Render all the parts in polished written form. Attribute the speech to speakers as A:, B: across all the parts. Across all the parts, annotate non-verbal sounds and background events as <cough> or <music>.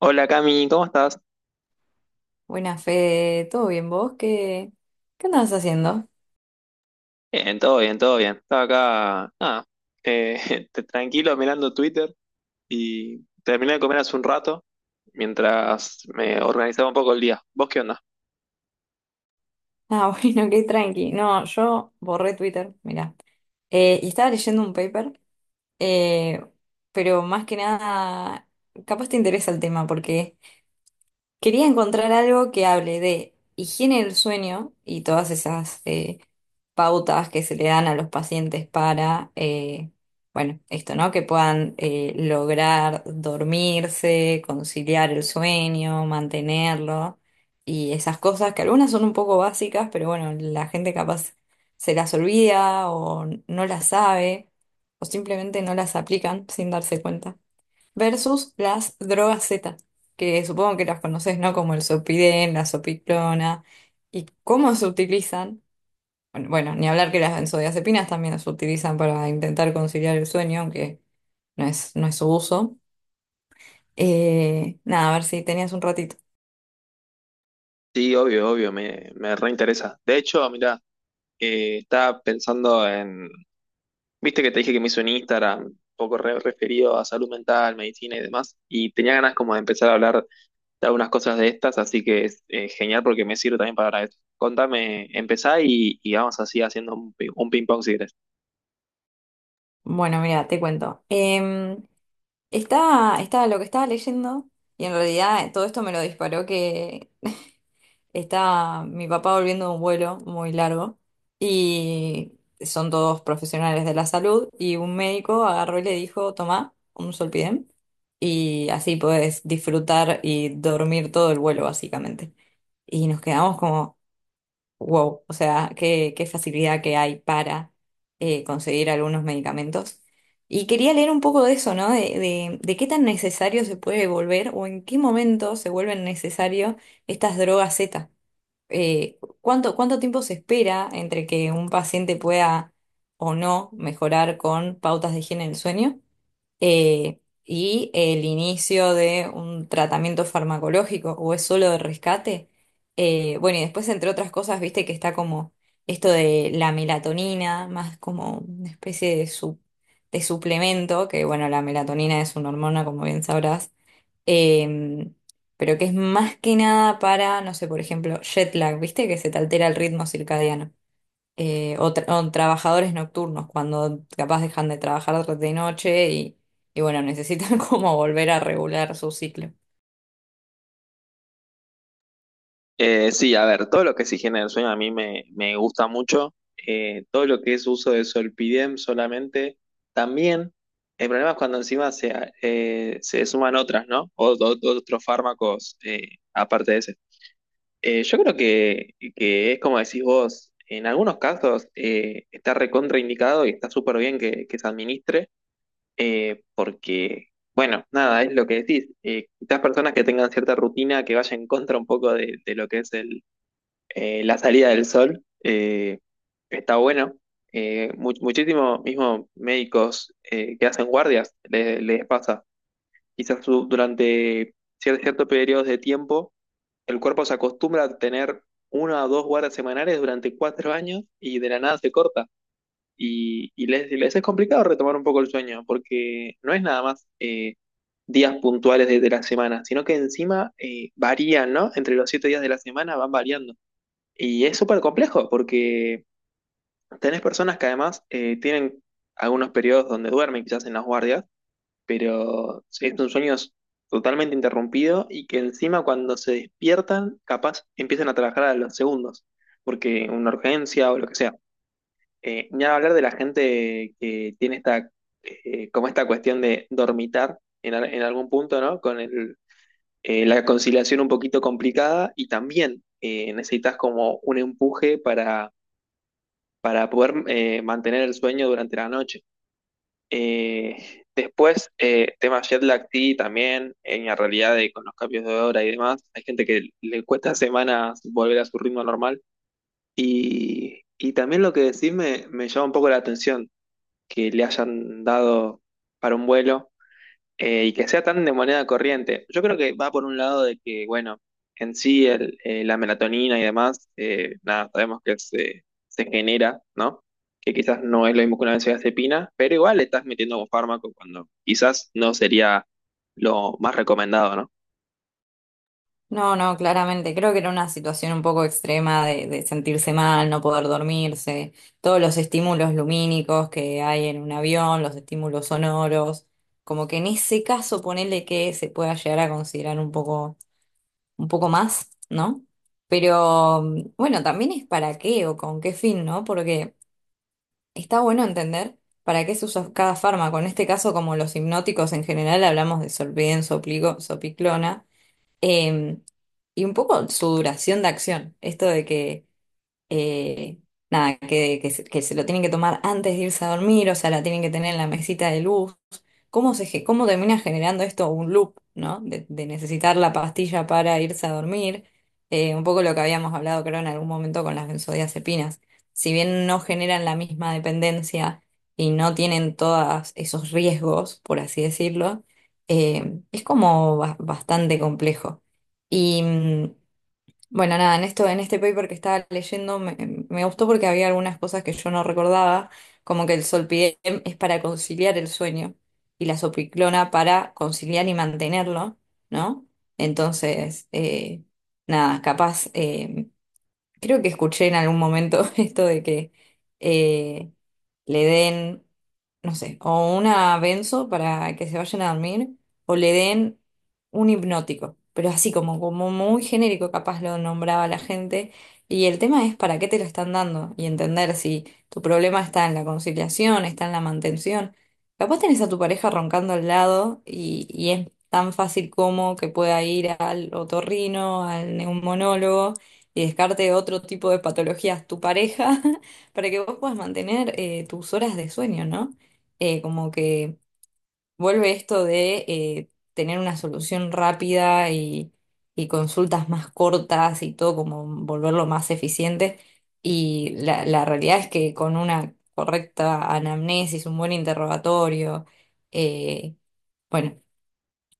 A: Hola Cami, ¿cómo estás?
B: Buena Fede, ¿todo bien vos? ¿Qué andabas haciendo?
A: Bien, todo bien, todo bien. Estaba acá, nada, eh, <laughs> tranquilo mirando Twitter y terminé de comer hace un rato mientras me organizaba un poco el día. ¿Vos qué onda?
B: Ah, <laughs> bueno, qué tranqui. No, yo borré Twitter, mirá. Y estaba leyendo un paper, eh, pero más que nada, capaz te interesa el tema, porque quería encontrar algo que hable de higiene del sueño y todas esas pautas que se le dan a los pacientes para, bueno, esto, ¿no? Que puedan lograr dormirse, conciliar el sueño, mantenerlo, y esas cosas que algunas son un poco básicas, pero bueno, la gente capaz se las olvida o no las sabe, o simplemente no las aplican sin darse cuenta, versus las drogas Z, que supongo que las conoces, ¿no? Como el Zopidem, la Zopiclona, y cómo se utilizan. Bueno, bueno, ni hablar que las benzodiazepinas también se utilizan para intentar conciliar el sueño, aunque no es su uso. Nada, a ver si tenías un ratito.
A: Sí, obvio, obvio, me reinteresa. De hecho, mirá, estaba pensando viste que te dije que me hice un Instagram un poco referido a salud mental, medicina y demás, y tenía ganas como de empezar a hablar de algunas cosas de estas, así que es genial porque me sirve también para eso. Contame, empezá y vamos así haciendo un ping-pong si querés.
B: Bueno, mira, te cuento. Estaba lo que estaba leyendo, y en realidad todo esto me lo disparó que está mi papá volviendo de un vuelo muy largo, y son todos profesionales de la salud, y un médico agarró y le dijo, tomá un solpidem y así podés disfrutar y dormir todo el vuelo básicamente. Y nos quedamos como, wow, o sea, qué facilidad que hay para conseguir algunos medicamentos. Y quería leer un poco de eso, ¿no? De qué tan necesario se puede volver, o en qué momento se vuelven necesarios estas drogas Z, ¿cuánto tiempo se espera entre que un paciente pueda o no mejorar con pautas de higiene del sueño, eh, y el inicio de un tratamiento farmacológico, o es solo de rescate? Bueno, y después, entre otras cosas, viste que está como esto de la melatonina, más como una especie de, de suplemento, que bueno, la melatonina es una hormona, como bien sabrás, em, pero que es más que nada para, no sé, por ejemplo, jet lag, ¿viste? Que se te altera el ritmo circadiano. O trabajadores nocturnos, cuando capaz dejan de trabajar de noche, y bueno, necesitan <laughs> como volver a regular su ciclo.
A: Sí, a ver, todo lo que es higiene del sueño a mí me gusta mucho. Todo lo que es uso de Solpidem solamente, también. El problema es cuando encima se suman otras, ¿no? Otros fármacos aparte de ese. Yo creo que es como decís vos, en algunos casos está recontraindicado y está súper bien que se administre. Porque, bueno, nada, es lo que decís. Quizás personas que tengan cierta rutina que vaya en contra un poco de lo que es la salida del sol, está bueno. Muchísimo mismo médicos que hacen guardias les pasa. Quizás durante ciertos periodos de tiempo, el cuerpo se acostumbra a tener una o dos guardias semanales durante 4 años y de la nada se corta. Y les es complicado retomar un poco el sueño, porque no es nada más días puntuales de la semana, sino que encima varían, ¿no? Entre los 7 días de la semana van variando. Y es súper complejo, porque tenés personas que además tienen algunos periodos donde duermen, quizás en las guardias, pero es un sueño totalmente interrumpido y que encima cuando se despiertan, capaz empiezan a trabajar a los segundos, porque una urgencia o lo que sea. Ni hablar de la gente que tiene como esta cuestión de dormitar en algún punto, ¿no? Con la conciliación un poquito complicada y también necesitas como un empuje para poder mantener el sueño durante la noche. Eh, Después, tema jet lag sí, también, en la realidad de con los cambios de hora y demás, hay gente que le cuesta semanas volver a su ritmo normal. Y también lo que decís me llama un poco la atención que le hayan dado para un vuelo y que sea tan de moneda corriente. Yo creo que va por un lado de que, bueno, en sí la melatonina y demás, nada, sabemos que se genera, ¿no? Que quizás no es lo mismo que una benzodiazepina, pero igual le estás metiendo un fármaco cuando quizás no sería lo más recomendado, ¿no?
B: No, no, claramente. Creo que era una situación un poco extrema de sentirse mal, no poder dormirse, todos los estímulos lumínicos que hay en un avión, los estímulos sonoros, como que en ese caso ponele que se pueda llegar a considerar un poco más, ¿no? Pero bueno, también es para qué o con qué fin, ¿no? Porque está bueno entender para qué se usa cada fármaco. En este caso, como los hipnóticos en general, hablamos de Solven, Sopligo, Sopiclona, eh, y un poco su duración de acción. Esto de que, eh, nada, que se lo tienen que tomar antes de irse a dormir, o sea, la tienen que tener en la mesita de luz. ¿Cómo termina generando esto un loop, ¿no? De necesitar la pastilla para irse a dormir. Un poco lo que habíamos hablado, creo, en algún momento, con las benzodiazepinas. Si bien no generan la misma dependencia y no tienen todos esos riesgos, por así decirlo, es como bastante complejo. Y, bueno, nada, en esto, en este paper que estaba leyendo me gustó porque había algunas cosas que yo no recordaba, como que el solpidem es para conciliar el sueño y la sopiclona para conciliar y mantenerlo, ¿no? Entonces, nada, capaz creo que escuché en algún momento <laughs> esto de que eh, le den, no sé, o una benzo para que se vayan a dormir, o le den un hipnótico, pero así como muy genérico, capaz lo nombraba la gente. Y el tema es para qué te lo están dando, y entender si tu problema está en la conciliación, está en la mantención. Capaz tenés a tu pareja roncando al lado, y es tan fácil como que pueda ir al otorrino, al neumonólogo, y descarte otro tipo de patologías tu pareja <laughs> para que vos puedas mantener tus horas de sueño, ¿no? Como que vuelve esto de tener una solución rápida, y consultas más cortas, y todo como volverlo más eficiente. Y la realidad es que con una correcta anamnesis, un buen interrogatorio, eh, bueno.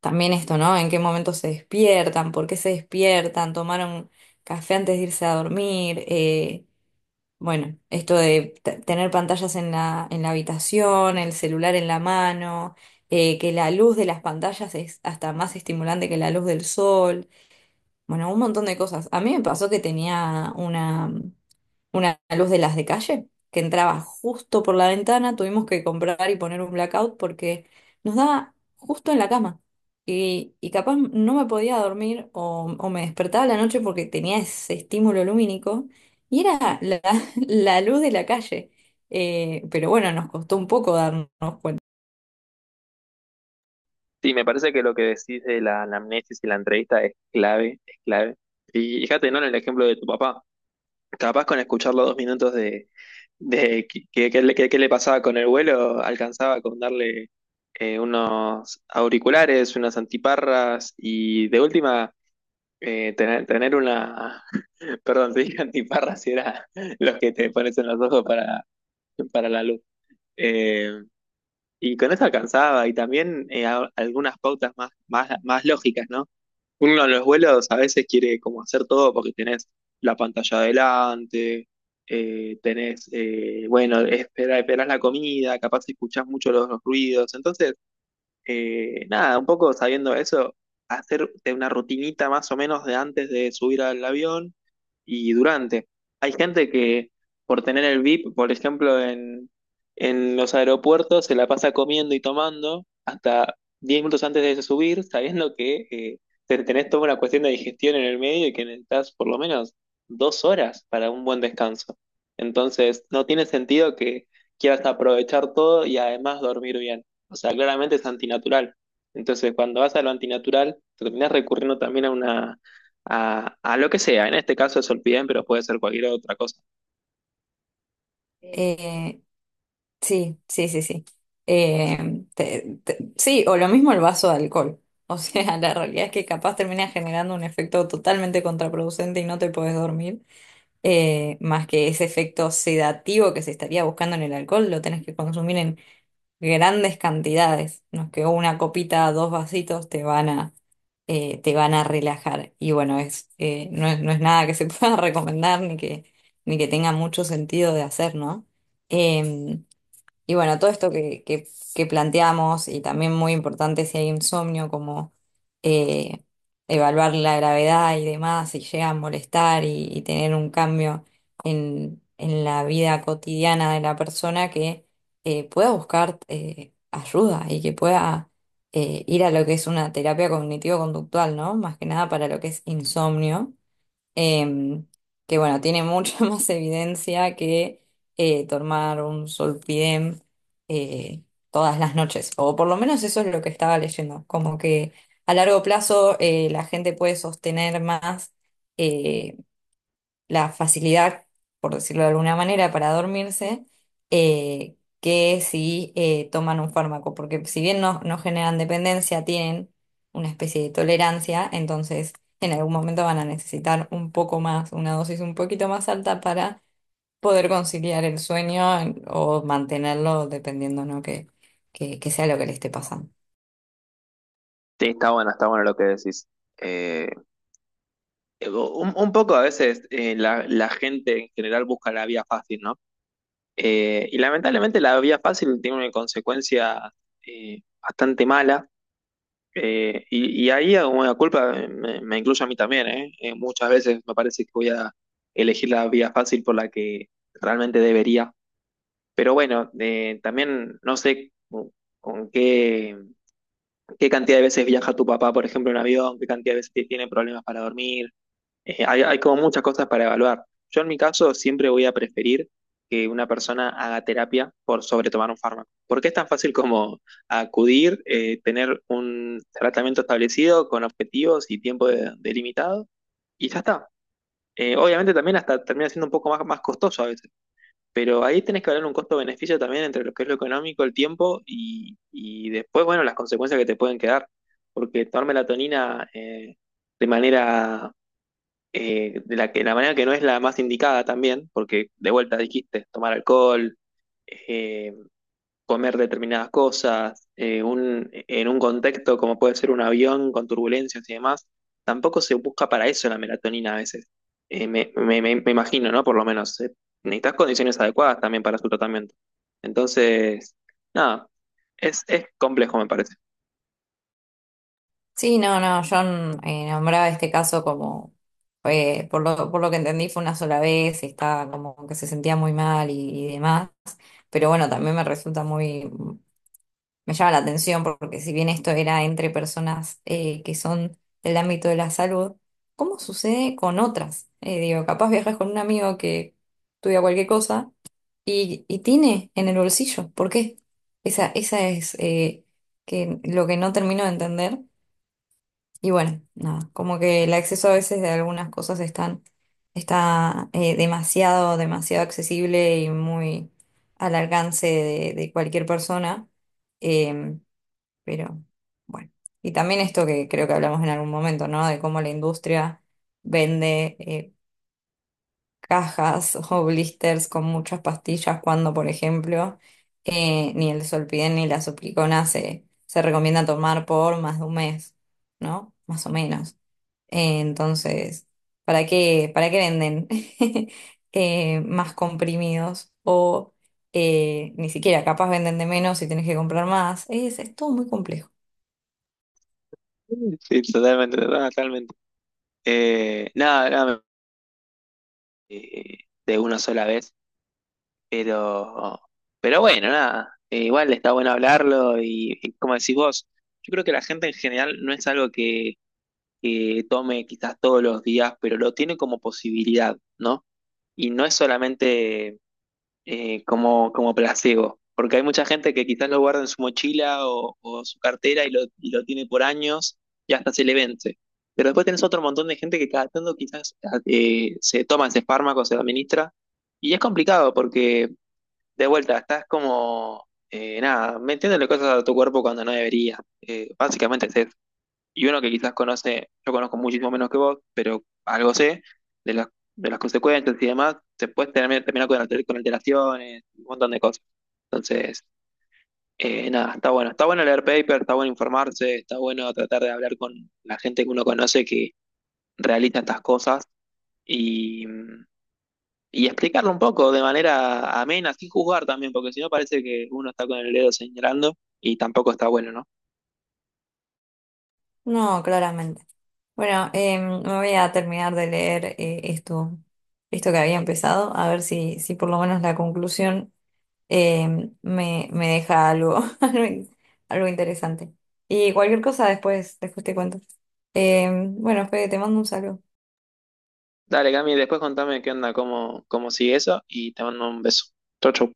B: También esto, ¿no? ¿En qué momento se despiertan? ¿Por qué se despiertan? ¿Tomaron café antes de irse a dormir? Bueno, esto de tener pantallas en la habitación, el celular en la mano, que la luz de las pantallas es hasta más estimulante que la luz del sol. Bueno, un montón de cosas. A mí me pasó que tenía una luz de las de calle que entraba justo por la ventana. Tuvimos que comprar y poner un blackout porque nos daba justo en la cama. Y capaz no me podía dormir, o me despertaba a la noche porque tenía ese estímulo lumínico, y era la, <laughs> la luz de la calle. Pero bueno, nos costó un poco darnos cuenta.
A: Sí, me parece que lo que decís de la anamnesis y la entrevista es clave, es clave. Y fíjate, ¿no? En el ejemplo de tu papá, capaz con escuchar los 2 minutos de qué le pasaba con el vuelo, alcanzaba con darle unos auriculares, unas antiparras y de última eh, tener, tener una, <laughs> perdón, te dije antiparras y era <laughs> los que te pones en los ojos para la luz. Eh, y con eso alcanzaba y también algunas pautas más lógicas, ¿no? Uno en los vuelos a veces quiere como hacer todo porque tenés la pantalla adelante, bueno, esperás la comida, capaz escuchás mucho los ruidos. Entonces, nada, un poco sabiendo eso, hacerte una rutinita más o menos de antes de subir al avión y durante. Hay gente que por tener el VIP, por ejemplo, en los aeropuertos se la pasa comiendo y tomando hasta 10 minutos antes de subir, sabiendo que tenés toda una cuestión de digestión en el medio y que necesitas por lo menos 2 horas para un buen descanso. Entonces, no tiene sentido que quieras aprovechar todo y además dormir bien. O sea, claramente es antinatural. Entonces, cuando vas a lo antinatural, terminás recurriendo también a lo que sea. En este caso es olpidem, pero puede ser cualquier otra cosa.
B: Eh, Sí, sí, sí, sí. Sí, o lo mismo el vaso de alcohol. O sea, <laughs> la realidad es que capaz termina generando un efecto totalmente contraproducente y no te podés dormir. Más que ese efecto sedativo que se estaría buscando en el alcohol, lo tenés que consumir en grandes cantidades. No es que una copita, dos vasitos te van a relajar. Y bueno, es, no es, no es nada que se <laughs> pueda recomendar, ni que tenga mucho sentido de hacer, ¿no? Em, y bueno, todo esto que, que planteamos, y también muy importante si hay insomnio, como eh, evaluar la gravedad y demás, si llega a molestar, y tener un cambio en la vida cotidiana de la persona, que pueda buscar ayuda, y que pueda ir a lo que es una terapia cognitivo-conductual, ¿no? Más que nada para lo que es insomnio, em, que bueno, tiene mucha <laughs> más evidencia que tomar un solpidem eh, todas las noches, o por lo menos eso es lo que estaba leyendo, como que a largo plazo, la gente puede sostener más eh, la facilidad, por decirlo de alguna manera, para dormirse, que si toman un fármaco, porque si bien no generan dependencia, tienen una especie de tolerancia, entonces en algún momento van a necesitar un poco más, una dosis un poquito más alta, para poder conciliar el sueño, o mantenerlo, dependiendo, ¿no? Que sea lo que le esté pasando.
A: Sí, está bueno lo que decís. Eh, un poco a veces la gente en general busca la vía fácil, ¿no? Y lamentablemente la vía fácil tiene una consecuencia bastante mala. Y ahí, como la culpa, me incluye a mí también, ¿eh? Muchas veces me parece que voy a elegir la vía fácil por la que realmente debería. Pero bueno, también no sé con qué cantidad de veces viaja tu papá, por ejemplo, en avión, qué cantidad de veces tiene problemas para dormir, hay como muchas cosas para evaluar. Yo en mi caso siempre voy a preferir que una persona haga terapia por sobre tomar un fármaco, porque es tan fácil como acudir, tener un tratamiento establecido con objetivos y tiempo delimitado, y ya está. Obviamente también hasta termina siendo un poco más costoso a veces, pero ahí tenés que hablar un costo-beneficio también entre lo que es lo económico, el tiempo y después, bueno, las consecuencias que te pueden quedar, porque tomar melatonina de manera de la que la manera que no es la más indicada también, porque de vuelta dijiste tomar alcohol, eh, comer determinadas cosas, en un contexto como puede ser un avión con turbulencias y demás, tampoco se busca para eso la melatonina a veces. Me imagino, ¿no? Por lo menos, necesitas condiciones adecuadas también para su tratamiento. Entonces, nada, es complejo, me parece.
B: Sí, no, no, yo nombraba este caso como, por lo que entendí fue una sola vez, y estaba como que se sentía muy mal, y demás, pero bueno, también me resulta muy, me llama la atención porque si bien esto era entre personas que son del ámbito de la salud, ¿cómo sucede con otras? Digo, capaz viajas con un amigo que estudia cualquier cosa, y tiene en el bolsillo, ¿por qué? Esa es, lo que no termino de entender. Y bueno, nada, como que el acceso a veces de algunas cosas, está demasiado, demasiado accesible, y muy al alcance de cualquier persona. Em, pero bueno, y también esto que creo que hablamos en algún momento, ¿no? De cómo la industria vende cajas <laughs> o blisters con muchas pastillas cuando, por ejemplo, ni el Solpiden ni la Suplicona se recomienda tomar por más de un mes, ¿no? Más o menos. Entonces, ¿para qué venden <laughs> más comprimidos? O ni siquiera, capaz venden de menos y tenés que comprar más. Es todo muy complejo.
A: Sí, totalmente, totalmente. Nada, nada, eh, de una sola vez. Pero, pero bueno, nada. Igual está bueno hablarlo y como decís vos, yo creo que la gente en general no es algo que tome quizás todos los días, pero lo tiene como posibilidad, ¿no? Y no es solamente como placebo, porque hay mucha gente que quizás lo guarda en su mochila o su cartera y lo tiene por años y hasta se le vence. Pero después tenés otro montón de gente que cada tanto quizás se toma ese fármaco, se lo administra. Y es complicado porque de vuelta, estás como, nada, metiéndole cosas a tu cuerpo cuando no debería. Básicamente es eso. Y uno que quizás conoce, yo conozco muchísimo menos que vos, pero algo sé de las, de las consecuencias y demás, te puedes terminar, con alteraciones, un montón de cosas. Entonces, nada, está bueno. Está bueno leer paper, está bueno informarse, está bueno tratar de hablar con la gente que uno conoce que realiza estas cosas. Y, mm, y explicarlo un poco de manera amena, sin juzgar también, porque si no parece que uno está con el dedo señalando y tampoco está bueno, ¿no?
B: No, claramente. Bueno, me voy a terminar de leer esto que había empezado, a ver si por lo menos la conclusión me deja algo, <laughs> algo interesante. Y cualquier cosa después te cuento. Bueno, Fede, te mando un saludo.
A: Dale, Cami, después contame qué onda, cómo sigue eso y te mando un beso. Chau, chau.